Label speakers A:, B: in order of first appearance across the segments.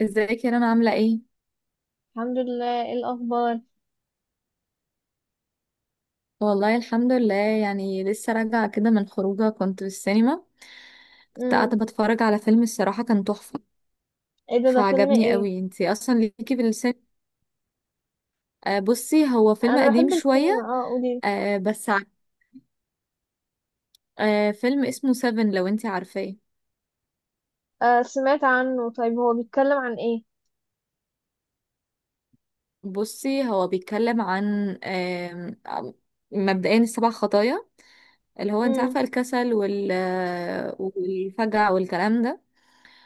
A: ازيك يا رنا عاملة ايه؟
B: الحمد لله، ايه الاخبار؟
A: والله الحمد لله، يعني لسه راجعة كده من خروجة، كنت في السينما. كنت
B: امم.
A: قاعدة بتفرج على فيلم، الصراحة كان تحفة
B: ايه ده؟ ده فيلم
A: فعجبني
B: ايه؟
A: قوي. انتي اصلا ليكي في السينما؟ آه بصي، هو فيلم
B: انا
A: قديم
B: بحب
A: شوية.
B: السينما. اه، قولي.
A: آه بس ع- فيلم اسمه سيفن، لو انتي عارفاه.
B: آه، سمعت عنه. طيب، هو بيتكلم عن ايه؟
A: بصي هو بيتكلم عن مبدئيا السبع خطايا، اللي هو انتي
B: امم.
A: عارفة الكسل وال آه، والفجع والكلام ده.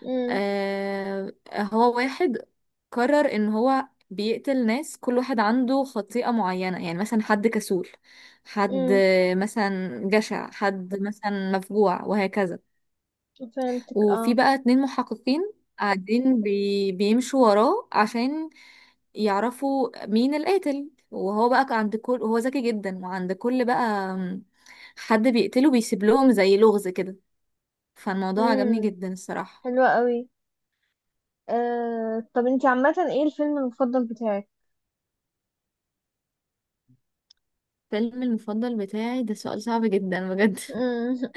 B: امم.
A: آه، هو واحد قرر ان هو بيقتل ناس، كل واحد عنده خطيئة معينة. يعني مثلا حد كسول، حد
B: امم.
A: مثلا جشع، حد مثلا مفجوع، وهكذا.
B: فهمتك.
A: وفي
B: اه.
A: بقى اتنين محققين قاعدين بيمشوا وراه عشان يعرفوا مين القاتل، وهو ذكي جدا، وعند كل بقى حد بيقتله بيسيب لهم زي لغز كده. فالموضوع عجبني
B: امم.
A: جدا الصراحة.
B: حلوة قوي. آه، طب انتي عامة، ايه الفيلم المفضل بتاعك؟
A: فيلم المفضل بتاعي ده سؤال صعب جدا بجد.
B: امم.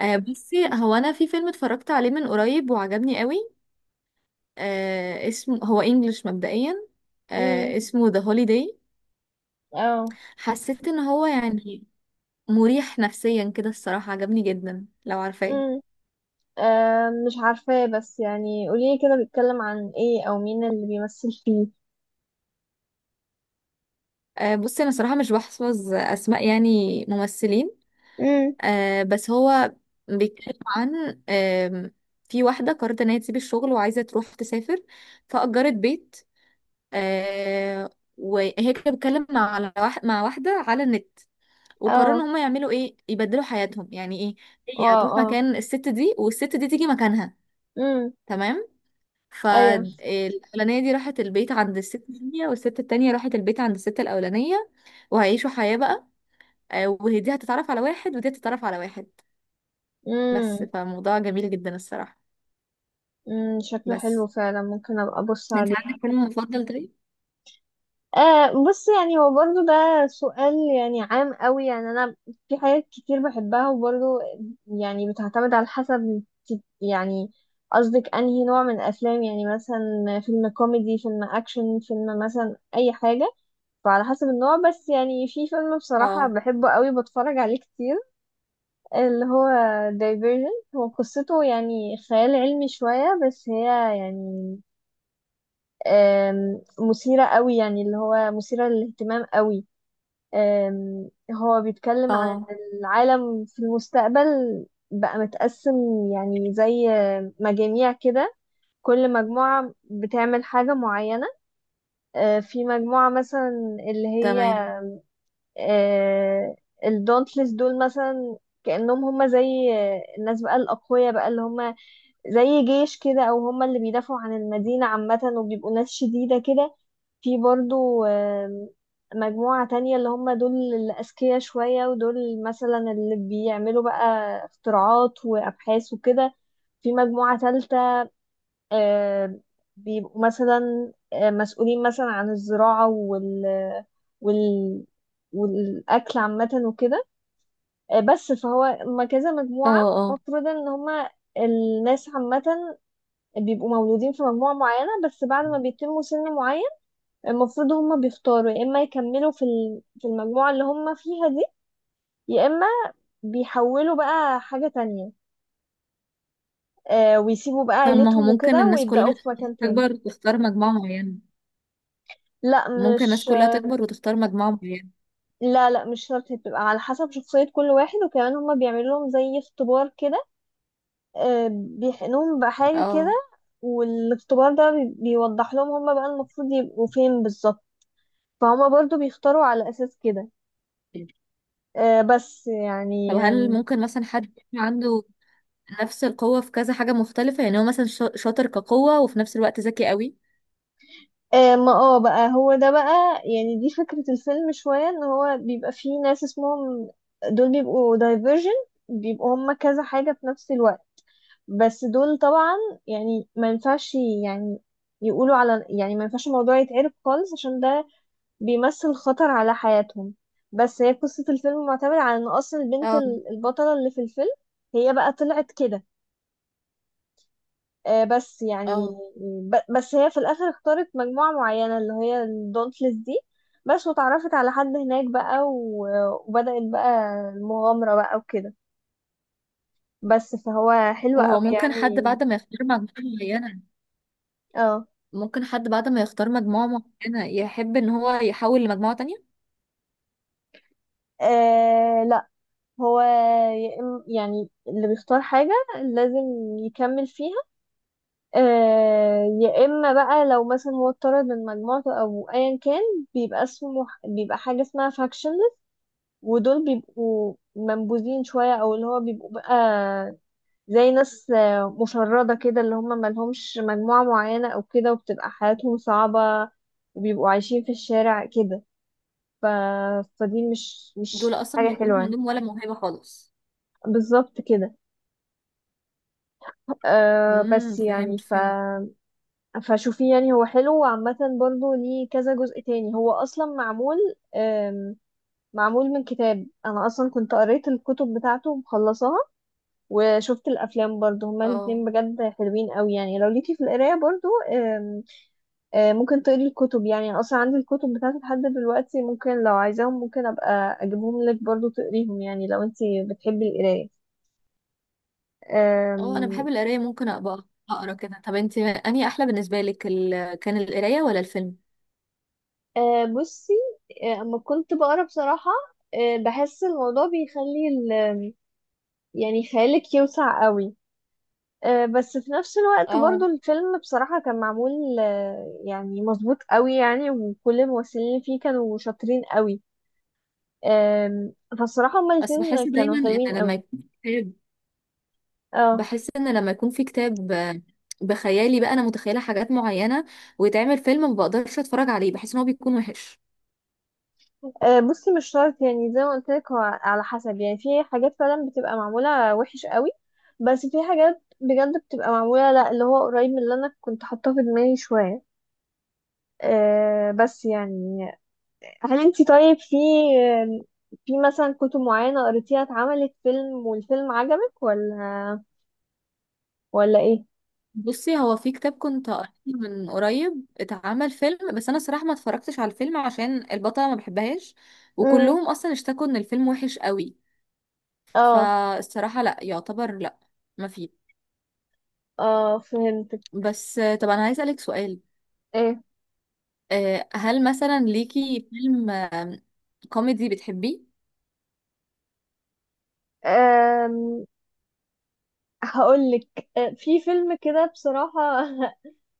A: آه بصي، هو انا في فيلم اتفرجت عليه من قريب وعجبني قوي. اسمه هو انجلش مبدئيا،
B: امم.
A: اسمه The Holiday.
B: اه.
A: حسيت ان هو يعني مريح نفسيا كده، الصراحة عجبني جدا لو عارفاه.
B: امم. آه، مش عارفاه، بس يعني قولي كده، بيتكلم عن ايه او مين اللي بيمثل فيه؟
A: آه بصي، انا صراحة مش بحفظ اسماء يعني ممثلين.
B: امم.
A: آه بس هو بيتكلم عن في واحدة قررت ان هي تسيب الشغل وعايزة تروح تسافر، فأجرت بيت. آه وهي كانت بتتكلم على واحد مع واحدة على النت، وقرروا ان
B: اه.
A: هم يعملوا ايه، يبدلوا حياتهم يعني ايه. هي
B: واو.
A: هتروح
B: اه.
A: مكان الست دي والست دي تيجي مكانها.
B: امم.
A: تمام.
B: ايوه.
A: فالأولانية دي راحت البيت عند الست التانية، والست التانية راحت البيت عند الست الأولانية، وهيعيشوا حياة بقى. وهي دي هتتعرف على واحد، ودي هتتعرف على واحد. بس
B: مم.
A: فموضوع جميل جدا الصراحة.
B: امم، شكله حلو
A: بس
B: فعلا. ممكن ابقى ابص
A: انت
B: عليه.
A: عندك فيلم مفضل طيب؟
B: آه، بص، يعني هو برضو ده سؤال يعني عام قوي، يعني انا في حاجات كتير بحبها، وبرضو يعني بتعتمد على حسب يعني قصدك انهي نوع من الافلام، يعني مثلا فيلم كوميدي، فيلم اكشن، فيلم مثلا اي حاجة. فعلى حسب النوع، بس يعني في فيلم بصراحة
A: اه.
B: بحبه قوي، بتفرج عليه كتير، اللي هو دايفيرجن. هو قصته يعني خيال علمي شوية، بس هي يعني مثيرة قوي، يعني اللي هو مثيرة للاهتمام قوي. هو بيتكلم عن
A: اه.
B: إن العالم في المستقبل بقى متقسم، يعني زي مجاميع كده، كل مجموعة بتعمل حاجة معينة. في مجموعة مثلا اللي هي
A: تمام.
B: آه، الدونتلس دول مثلا، كأنهم هم زي الناس بقى الأقوياء بقى، اللي هم زي جيش كده، أو هم اللي بيدافعوا عن المدينة عامة وبيبقوا ناس شديدة كده. في برضو مجموعة تانية، اللي هم دول الأذكياء شوية، ودول مثلا اللي بيعملوا بقى اختراعات وأبحاث وكده. في مجموعة تالتة آم، بيبقوا مثلا مسؤولين مثلا عن الزراعة وال والأكل عامة وكده. بس فهو ما كذا مجموعة،
A: اه.
B: المفروض إن هما الناس عامة بيبقوا مولودين في مجموعة معينة، بس بعد ما بيتموا سن معين المفروض هما بيختاروا، يا اما يكملوا في المجموعة اللي هما فيها دي، يا اما بيحولوا بقى حاجة تانية، ويسيبوا بقى
A: طب ما هو
B: عيلتهم
A: ممكن
B: وكده،
A: الناس
B: ويبدأوا
A: كلها
B: في مكان تاني.
A: تكبر وتختار مجموعة معينة.
B: لا.
A: ممكن الناس
B: مش
A: كلها تكبر وتختار مجموعة معينة؟
B: لا، لا، مش شرط. هي بتبقى على حسب شخصية كل واحد، وكمان هما بيعملوا لهم زي اختبار كده، بيحقنوهم بحاجة كده.
A: اه.
B: والاختبار ده بيوضح لهم هما بقى المفروض يبقوا فين بالظبط. فهما برضو بيختاروا على أساس كده. بس
A: طب
B: يعني،
A: هل ممكن مثلا حد يكون عنده نفس القوة في كذا حاجة مختلفة، يعني هو مثلا شاطر كقوة وفي نفس الوقت ذكي قوي.
B: ما بقى هو ده بقى، يعني دي فكرة الفيلم شوية، ان هو بيبقى فيه ناس اسمهم دول بيبقوا دايفرجن، بيبقوا هما كذا حاجة في نفس الوقت. بس دول طبعا يعني ما ينفعش، يعني يقولوا على، يعني ما ينفعش الموضوع يتعرف خالص، عشان ده بيمثل خطر على حياتهم. بس هي قصة الفيلم معتمدة على ان اصلا البنت
A: اه.
B: البطلة اللي في الفيلم هي بقى طلعت كده. بس يعني
A: اه.
B: بس هي في الاخر اختارت مجموعة معينة اللي هي الدونتلس دي. بس وتعرفت على حد هناك بقى، وبدأت بقى المغامرة بقى وكده. بس فهو حلو
A: طب
B: قوي
A: هو ممكن حد
B: يعني.
A: بعد ما يختار مجموعة معينة،
B: اه.
A: ممكن حد بعد ما يختار مجموعة معينة يحب ان هو يحول لمجموعة تانية.
B: آه، لا، هو يا يعني اللي بيختار حاجة لازم يكمل فيها. يا إما بقى لو مثلا هو اتطرد من مجموعته أو أيا كان، بيبقى اسمه، بيبقى حاجة اسمها faction. ودول بيبقوا منبوذين شوية، أو اللي هو بيبقوا بقى زي ناس مشردة كده، اللي هم ملهمش مجموعة معينة أو كده، وبتبقى حياتهم صعبة وبيبقوا عايشين في الشارع كده. ف... فدي مش
A: دول
B: مش
A: اصلا
B: حاجة
A: ما يكونش
B: حلوة يعني.
A: عندهم ولا موهبة خالص.
B: بالظبط كده. أه،
A: امم،
B: بس يعني
A: فهمت فهمت.
B: فشوفيه، يعني هو حلو، وعامة برضه ليه كذا جزء تاني. هو أصلا معمول أم... معمول من كتاب. أنا أصلا كنت قريت الكتب بتاعته ومخلصاها، وشفت الافلام برضو، هما الاثنين
A: اه.
B: بجد حلوين قوي يعني. لو ليكي في القرايه برضو ممكن تقري الكتب، يعني انا اصلا عندي الكتب بتاعتي لحد دلوقتي، ممكن لو عايزاهم ممكن ابقى اجيبهم لك برضو تقريهم، يعني لو انت بتحبي القرايه.
A: اه انا
B: آم،
A: بحب القرايه، ممكن ابقى اقرا كده. طب انت انهي احلى بالنسبه لك، كان القرايه ولا الفيلم؟
B: بصي، اما كنت بقرا بصراحه، بحس الموضوع بيخلي يعني خيالك يوسع قوي. بس في نفس الوقت برضو
A: اه
B: الفيلم بصراحة كان معمول يعني مظبوط قوي يعني، وكل الممثلين اللي فيه كانوا شاطرين قوي. آم، فالصراحة هما
A: بس
B: الاتنين
A: بحس
B: كانوا
A: دايما ان
B: حلوين
A: لما
B: قوي.
A: يكون في كتاب،
B: اه.
A: بحس ان لما يكون في كتاب بخيالي بقى انا متخيله حاجات معينه، ويتعمل فيلم ما بقدرش اتفرج عليه، بحس ان هو بيكون وحش.
B: بصي مش شرط، يعني زي ما قلت لك، هو على حسب، يعني في حاجات فعلا بتبقى معمولة وحش قوي، بس في حاجات بجد بتبقى معمولة لا اللي هو قريب من اللي انا كنت حاطاه في دماغي شوية. بس يعني، هل انت طيب في في مثلا كتب معينة قريتيها اتعملت فيلم، والفيلم عجبك ولا ولا ايه؟
A: بصي هو في كتاب كنت قريته من قريب اتعمل فيلم، بس انا صراحه ما اتفرجتش على الفيلم عشان البطله ما بحبهاش،
B: امم.
A: وكلهم اصلا اشتكوا ان الفيلم وحش قوي.
B: اه.
A: فالصراحه لا، يعتبر لا، ما فيه.
B: اه. فهمتك.
A: بس طب انا عايز اسالك سؤال.
B: ايه؟
A: هل مثلا ليكي فيلم كوميدي بتحبيه؟
B: أم... هقولك، في فيلم كده بصراحة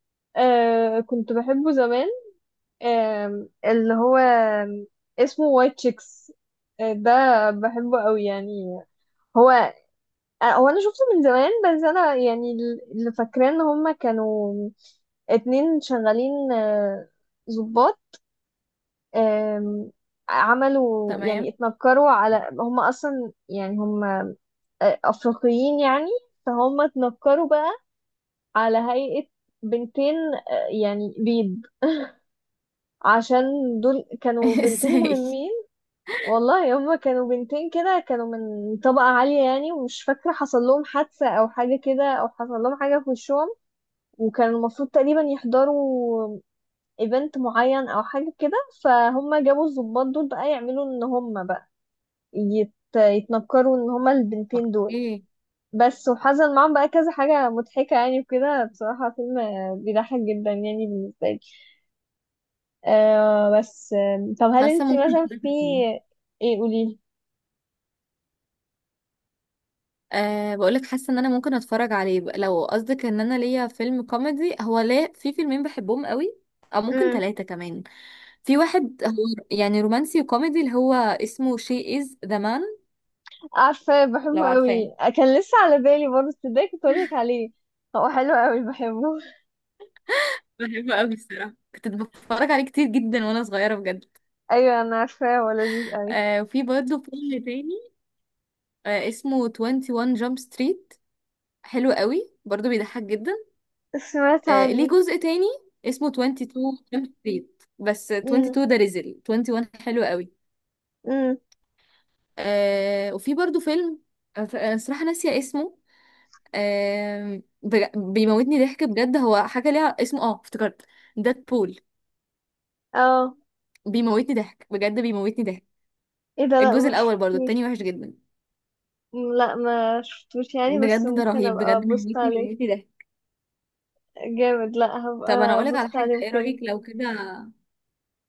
B: كنت بحبه زمان. اللي هو اسمه وايت شيكس ده، بحبه قوي يعني. هو هو انا شفته من زمان، بس انا يعني اللي فاكراه ان هما كانوا اتنين شغالين ضباط. آم، عملوا يعني
A: تمام.
B: اتنكروا، على هم اصلا يعني هم افريقيين يعني، فهم اتنكروا بقى على هيئة بنتين يعني بيض، عشان دول كانوا بنتين
A: ازاي؟
B: مهمين. والله هم كانوا بنتين كده، كانوا من طبقة عالية يعني، ومش فاكرة حصل لهم حادثة او حاجة كده، او حصل لهم حاجة في وشهم، وكان المفروض تقريبا يحضروا ايفنت معين او حاجة كده. فهم جابوا الضباط دول بقى يعملوا ان هم بقى يتنكروا ان هما البنتين دول.
A: ايه؟
B: بس وحصل معاهم بقى كذا حاجة مضحكة يعني وكده، بصراحة فيلم بيضحك جدا يعني بالنسبة لي. بس، طب هل
A: حاسه
B: انت
A: ممكن.
B: مثلا في. ايه؟ قولي.
A: أه بقولك، حاسه ان انا ممكن اتفرج عليه بقى. لو قصدك ان انا ليا فيلم كوميدي، هو ليه في فيلمين بحبهم قوي، او ممكن
B: امم.
A: ثلاثه كمان. في واحد هو يعني رومانسي وكوميدي، اللي هو اسمه شي از ذا مان،
B: عارفة،
A: لو
B: بحبه
A: عارفاه.
B: قوي، كان لسه على بالي برضه، تصدقي كنت اقولك عليه. هو حلو قوي، بحبه.
A: بحبه قوي الصراحة، كنت بتفرج عليه كتير جدا وانا صغيره بجد.
B: ايوه، انا عارفاه، هو لذيذ قوي.
A: أه وفي برضه فيلم تاني اسمه 21 جامب ستريت، حلو قوي برضو بيضحك جدا.
B: سمعت
A: ليه
B: عنه.
A: جزء تاني اسمه 22 جامب ستريت، بس
B: امم.
A: 22 ده ريزل، 21 حلو قوي.
B: امم.
A: وفي برضو فيلم صراحة ناسية اسمه. بيموتني ضحك بجد، هو حاجة ليها اسمه، اه افتكرت، ديد بول.
B: اه.
A: بيموتني ضحك بجد، بيموتني ضحك.
B: ايه ده؟ لا،
A: الجزء
B: مش
A: الأول، برضو
B: مش
A: التاني وحش جدا.
B: لا، ما شفتوش يعني، بس
A: بجد ده
B: ممكن
A: رهيب،
B: ابقى
A: بجد
B: ابص عليه.
A: بيموتني ضحك.
B: جامد. لا، هبقى
A: طب انا اقولك
B: ابص
A: على حاجة،
B: عليه
A: ايه
B: وكده.
A: رأيك لو كده؟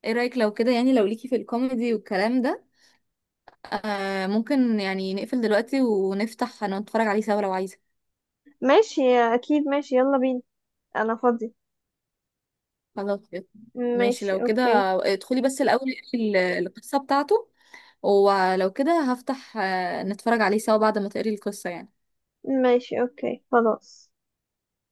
A: ايه رأيك لو كده، يعني لو ليكي في الكوميدي والكلام ده، آه ممكن يعني نقفل دلوقتي ونفتح نتفرج عليه سوا لو عايزة.
B: ماشي، اكيد ماشي، يلا بينا. انا فاضي.
A: خلاص يلا. ماشي
B: ماشي،
A: لو كده،
B: اوكي.
A: ادخلي بس الأول اقري القصة بتاعته، ولو كده هفتح نتفرج عليه سوا بعد ما تقري القصة يعني.
B: ماشي، اوكي، خلاص.